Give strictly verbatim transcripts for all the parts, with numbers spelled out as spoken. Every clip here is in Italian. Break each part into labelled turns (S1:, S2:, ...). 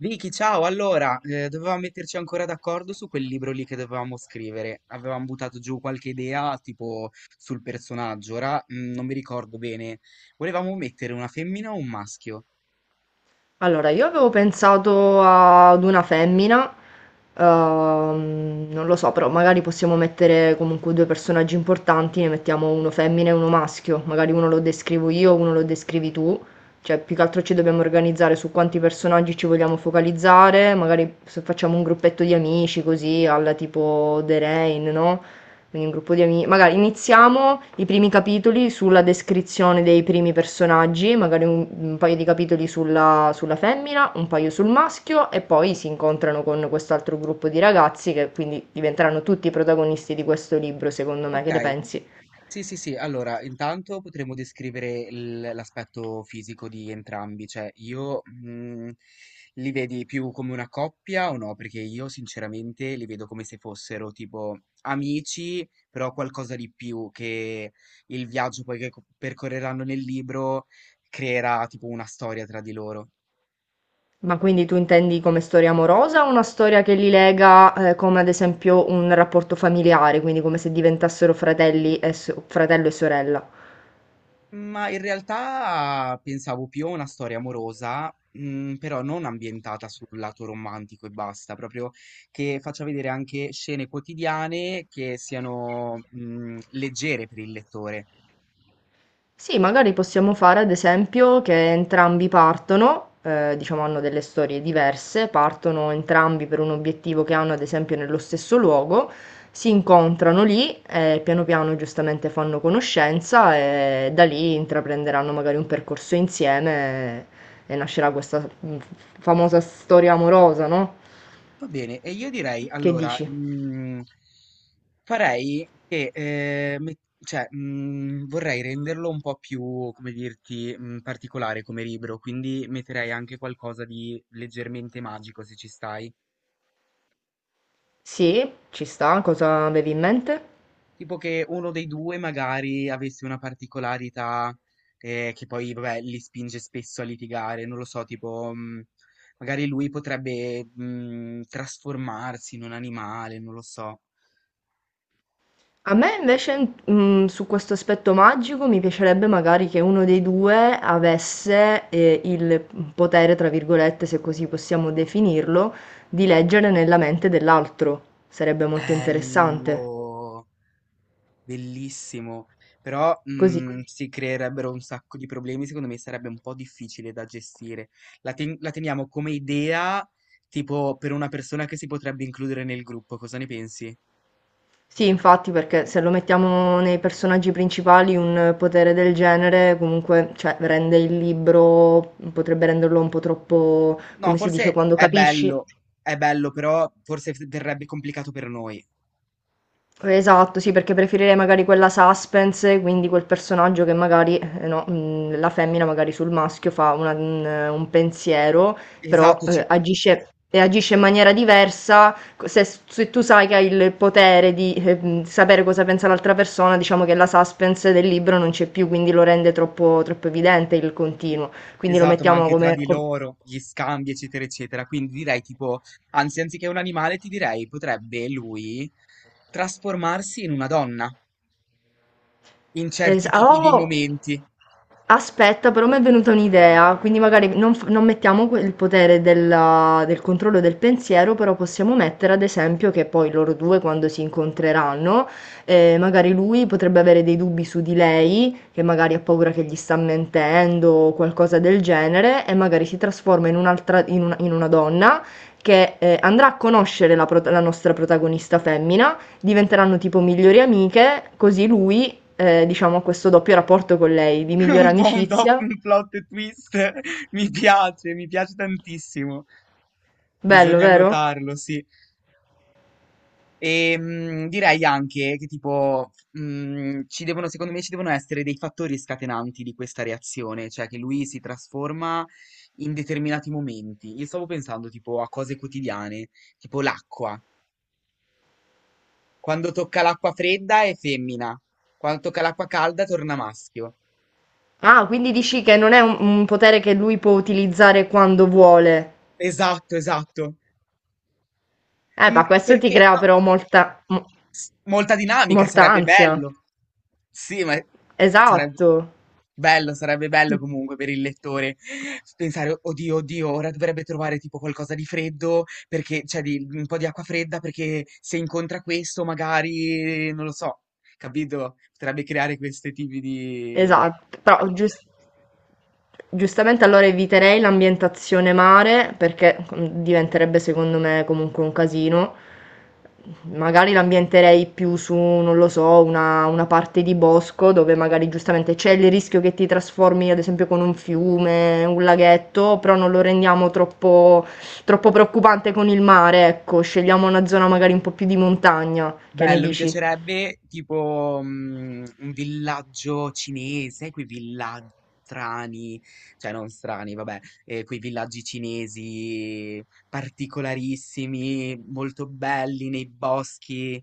S1: Vicky, ciao! Allora, eh, dovevamo metterci ancora d'accordo su quel libro lì che dovevamo scrivere. Avevamo buttato giù qualche idea, tipo sul personaggio. Ora, mm, non mi ricordo bene. Volevamo mettere una femmina o un maschio.
S2: Allora, io avevo pensato ad una femmina, ehm, non lo so, però magari possiamo mettere comunque due personaggi importanti, ne mettiamo uno femmina e uno maschio, magari uno lo descrivo io, uno lo descrivi tu, cioè più che altro ci dobbiamo organizzare su quanti personaggi ci vogliamo focalizzare, magari se facciamo un gruppetto di amici così, alla tipo The Rain, no? Quindi un gruppo di amici. Magari iniziamo i primi capitoli sulla descrizione dei primi personaggi, magari un, un paio di capitoli sulla, sulla femmina, un paio sul maschio e poi si incontrano con quest'altro gruppo di ragazzi che quindi diventeranno tutti i protagonisti di questo libro, secondo me, che
S1: Ok,
S2: ne pensi?
S1: sì, sì, sì. Allora, intanto potremmo descrivere il- l'aspetto fisico di entrambi, cioè io mm, li vedi più come una coppia o no? Perché io sinceramente li vedo come se fossero tipo amici, però qualcosa di più che il viaggio poi che co- percorreranno nel libro creerà tipo una storia tra di loro.
S2: Ma quindi tu intendi come storia amorosa o una storia che li lega, eh, come ad esempio un rapporto familiare, quindi come se diventassero fratelli e so- fratello e sorella?
S1: Ma in realtà pensavo più a una storia amorosa, mm, però non ambientata sul lato romantico e basta, proprio che faccia vedere anche scene quotidiane che siano, mm, leggere per il lettore.
S2: Sì, magari possiamo fare ad esempio che entrambi partono, eh, diciamo hanno delle storie diverse, partono entrambi per un obiettivo che hanno ad esempio nello stesso luogo, si incontrano lì e piano piano giustamente fanno conoscenza e da lì intraprenderanno magari un percorso insieme e, e nascerà questa mm, famosa storia amorosa, no?
S1: Va bene, e io direi
S2: Che
S1: allora,
S2: dici?
S1: mm, farei che, eh, met- cioè, mm, vorrei renderlo un po' più, come dirti, mm, particolare come libro, quindi metterei anche qualcosa di leggermente magico se ci stai.
S2: Sì, ci sta, cosa avevi in mente?
S1: Tipo che uno dei due magari avesse una particolarità eh, che poi vabbè, li spinge spesso a litigare, non lo so, tipo mh, magari lui potrebbe mh, trasformarsi in un animale, non lo so.
S2: A me invece, mm, su questo aspetto magico, mi piacerebbe magari che uno dei due avesse eh, il potere, tra virgolette, se così possiamo definirlo, di leggere nella mente dell'altro. Sarebbe molto interessante.
S1: Bello, bellissimo, però
S2: Così.
S1: mh, si creerebbero un sacco di problemi, secondo me sarebbe un po' difficile da gestire. La, ten- la teniamo come idea, tipo per una persona che si potrebbe includere nel gruppo, cosa ne pensi?
S2: Sì, infatti, perché se lo mettiamo nei personaggi principali, un potere del genere comunque, cioè, rende il libro, potrebbe renderlo un po' troppo,
S1: No,
S2: come si dice,
S1: forse
S2: quando
S1: è
S2: capisci.
S1: bello, è bello, però forse f- verrebbe complicato per noi.
S2: Esatto, sì, perché preferirei magari quella suspense, quindi quel personaggio che magari, eh, no, mh, la femmina magari sul maschio fa una- un, un pensiero, però
S1: Esatto,
S2: eh,
S1: ci-
S2: agisce, e agisce in maniera diversa. Se, se tu sai che hai il potere di eh, mh, sapere cosa pensa l'altra persona, diciamo che la suspense del libro non c'è più, quindi lo rende troppo, troppo evidente il continuo. Quindi lo
S1: esatto, ma
S2: mettiamo
S1: anche tra
S2: come...
S1: di
S2: come-
S1: loro, gli scambi, eccetera, eccetera. Quindi direi tipo, anzi, anziché un animale, ti direi potrebbe lui trasformarsi in una donna in
S2: es-
S1: certi tipi di
S2: oh!
S1: momenti.
S2: Aspetta, però mi è venuta un'idea, quindi magari non, f- non mettiamo que- il potere della- del controllo del pensiero, però possiamo mettere ad esempio che poi loro due quando si incontreranno, eh, magari lui potrebbe avere dei dubbi su di lei, che magari ha paura che gli sta mentendo o qualcosa del genere, e magari si trasforma in un'altra, in una, in una donna che eh, andrà a conoscere la, prot- la nostra protagonista femmina, diventeranno tipo migliori amiche, così lui eh, diciamo, questo doppio rapporto con lei, di migliore
S1: Un po' un, dop-
S2: amicizia.
S1: un plot twist. Mi piace, mi piace tantissimo.
S2: Bello,
S1: Bisogna
S2: vero?
S1: annotarlo, sì. E mh, direi anche che tipo, mh, ci devono, secondo me ci devono essere dei fattori scatenanti di questa reazione, cioè che lui si trasforma in determinati momenti. Io stavo pensando tipo a cose quotidiane, tipo l'acqua. Quando tocca l'acqua fredda è femmina, quando tocca l'acqua calda torna maschio.
S2: Ah, quindi dici che non è un, un potere che lui può utilizzare quando vuole.
S1: Esatto, esatto.
S2: Eh,
S1: Mh,
S2: ma questo ti
S1: perché
S2: crea
S1: no
S2: però molta, mo-
S1: S molta dinamica,
S2: molta
S1: sarebbe
S2: ansia.
S1: bello. Sì, ma sarebbe
S2: Esatto.
S1: bello, sarebbe bello comunque per il lettore pensare: "Oddio, oddio, ora dovrebbe trovare tipo qualcosa di freddo perché cioè di un po' di acqua fredda perché se incontra questo magari", non lo so, capito? Potrebbe creare questi tipi di
S2: Esatto, però gius- giustamente allora eviterei l'ambientazione mare perché mm, diventerebbe secondo me comunque un casino. Magari l'ambienterei più su, non lo so, una, una parte di bosco dove magari giustamente c'è il rischio che ti trasformi ad esempio con un fiume, un laghetto, però non lo rendiamo troppo, troppo preoccupante con il mare, ecco, scegliamo una zona magari un po' più di montagna, che ne
S1: bello, mi
S2: dici?
S1: piacerebbe tipo mm, un villaggio cinese, quei villaggi strani, cioè non strani, vabbè, eh, quei villaggi cinesi particolarissimi, molto belli nei boschi.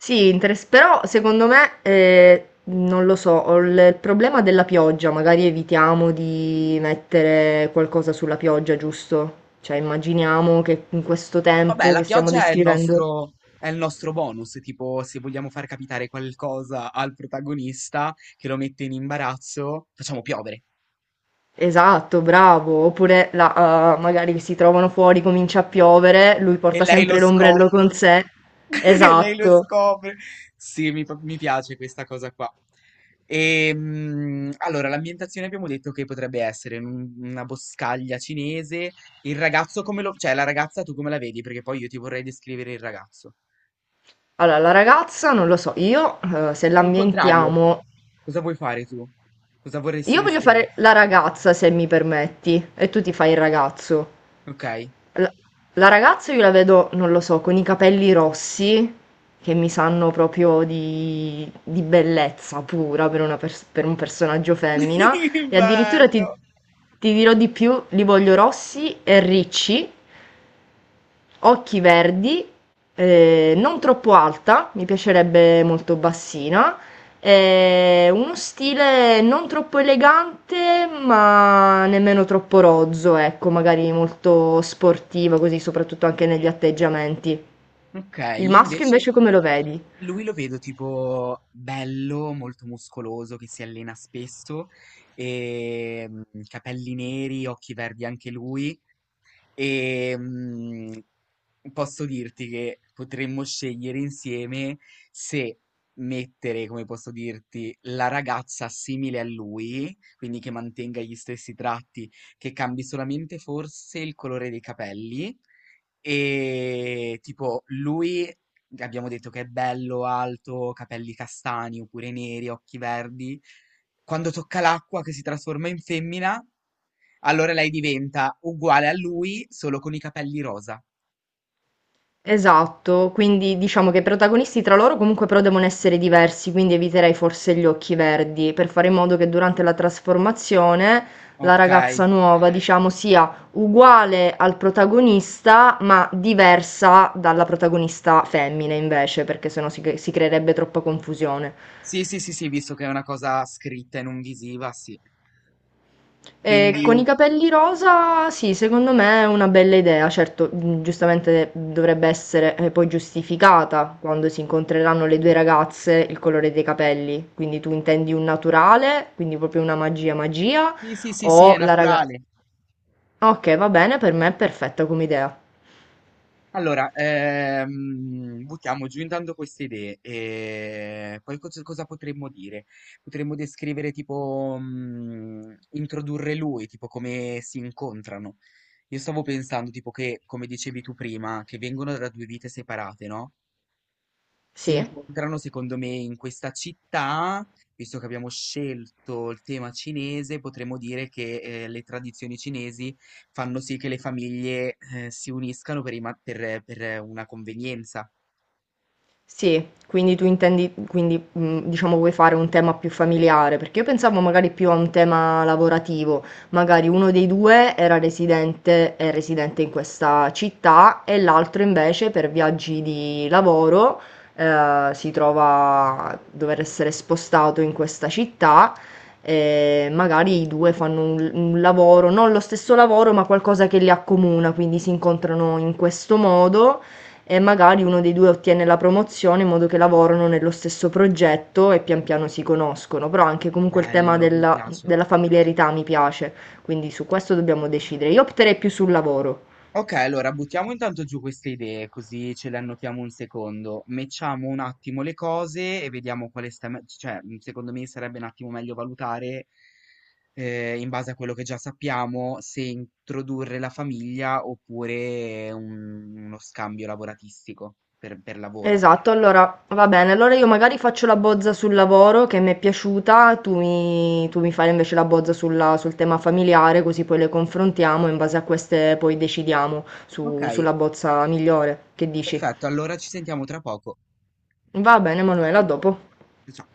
S2: Sì, interes però secondo me, ehm, non lo so, ho il il problema della pioggia, magari evitiamo di mettere qualcosa sulla pioggia, giusto? Cioè immaginiamo che in questo
S1: Vabbè,
S2: tempo
S1: la
S2: che stiamo
S1: pioggia è il
S2: descrivendo...
S1: nostro, è il nostro bonus, tipo se vogliamo far capitare qualcosa al protagonista che lo mette in imbarazzo, facciamo piovere.
S2: Esatto, bravo. Oppure la, eh, magari che si trovano fuori, comincia a piovere, lui
S1: E
S2: porta
S1: lei lo
S2: sempre l'ombrello
S1: scopre.
S2: con sé.
S1: E lei lo
S2: Esatto.
S1: scopre. Sì, mi, pa- mi piace questa cosa qua. E, allora, l'ambientazione abbiamo detto che potrebbe essere in un- una boscaglia cinese. Il ragazzo come lo... cioè la ragazza tu come la vedi? Perché poi io ti vorrei descrivere il ragazzo.
S2: Allora, la ragazza, non lo so, io eh, se
S1: O il contrario.
S2: l'ambientiamo...
S1: Cosa vuoi fare tu? Cosa vorresti
S2: Io voglio
S1: descrivere?
S2: fare la ragazza, se mi permetti, e tu ti fai il ragazzo.
S1: Ok.
S2: La la ragazza io la vedo, non lo so, con i capelli rossi, che mi sanno proprio di di bellezza pura per una pers per un personaggio femmina, e addirittura ti
S1: Bello.
S2: ti dirò di più, li voglio rossi e ricci. Occhi verdi, eh, non troppo alta, mi piacerebbe molto bassina, eh, uno stile non troppo elegante, ma nemmeno troppo rozzo, ecco, magari molto sportivo, così soprattutto anche negli atteggiamenti.
S1: Ok,
S2: Il
S1: io
S2: maschio
S1: invece...
S2: invece come lo vedi?
S1: Lui lo vedo tipo bello, molto muscoloso, che si allena spesso, e mm, capelli neri, occhi verdi anche lui, e mh, posso dirti che potremmo scegliere insieme se mettere, come posso dirti, la ragazza simile a lui, quindi che mantenga gli stessi tratti, che cambi solamente forse il colore dei capelli. E tipo, lui abbiamo detto che è bello, alto, capelli castani oppure neri, occhi verdi. Quando tocca l'acqua che si trasforma in femmina, allora lei diventa uguale a lui, solo con i capelli rosa.
S2: Esatto, quindi diciamo che i protagonisti tra loro comunque però devono essere diversi, quindi eviterei forse gli occhi verdi per fare in modo che durante la trasformazione la
S1: Ok.
S2: ragazza nuova, diciamo, sia uguale al protagonista, ma diversa dalla protagonista femmina invece, perché sennò si, cre- si creerebbe troppa confusione.
S1: Sì, sì, sì, sì, visto che è una cosa scritta e non visiva, sì. Eh,
S2: E con i
S1: quindi,
S2: capelli rosa, sì, secondo me è una bella idea, certo, mh, giustamente dovrebbe essere eh, poi giustificata quando si incontreranno le due ragazze il colore dei capelli. Quindi tu intendi un naturale, quindi proprio una magia magia,
S1: sì, sì, sì, sì, è
S2: o la Sì. ragazza...
S1: naturale.
S2: Ok, va bene, per me è perfetta come idea.
S1: Allora, ehm, buttiamo giù intanto queste idee e poi cos- cosa potremmo dire? Potremmo descrivere tipo, mm, introdurre lui, tipo come si incontrano. Io stavo pensando tipo che, come dicevi tu prima, che vengono da due vite separate, no? Si
S2: Sì.
S1: incontrano secondo me in questa città, visto che abbiamo scelto il tema cinese, potremmo dire che eh, le tradizioni cinesi fanno sì che le famiglie eh, si uniscano per, i ma- per- per una convenienza.
S2: Sì, quindi tu intendi, quindi mh, diciamo vuoi fare un tema più familiare, perché io pensavo magari più a un tema lavorativo, magari uno dei due era residente, è residente in questa città e l'altro invece per viaggi di lavoro eh, si trova a dover essere spostato in questa città e magari i due fanno un, un lavoro, non lo stesso lavoro, ma qualcosa che li accomuna, quindi si incontrano in questo modo e magari uno dei due ottiene la promozione in modo che lavorano nello stesso progetto e pian piano si conoscono, però anche comunque il tema
S1: Bello, mi
S2: della,
S1: piace.
S2: della familiarità mi piace, quindi su questo dobbiamo decidere. Io opterei più sul lavoro.
S1: Ok, allora buttiamo intanto giù queste idee, così ce le annotiamo un secondo. Mettiamo un attimo le cose e vediamo quale sta, me- cioè, mh, secondo me sarebbe un attimo meglio valutare, eh, in base a quello che già sappiamo, se introdurre la famiglia oppure un- uno scambio lavoratistico per, per lavoro.
S2: Esatto, allora va bene, allora io magari faccio la bozza sul lavoro che mi è piaciuta, tu mi, tu mi fai invece la bozza sulla- sul tema familiare, così poi le confrontiamo e in base a queste poi decidiamo
S1: Ok,
S2: su- sulla bozza migliore. Che dici?
S1: perfetto, allora ci sentiamo tra poco.
S2: Va bene,
S1: A
S2: Manuela, a
S1: dopo.
S2: dopo.
S1: Ciao.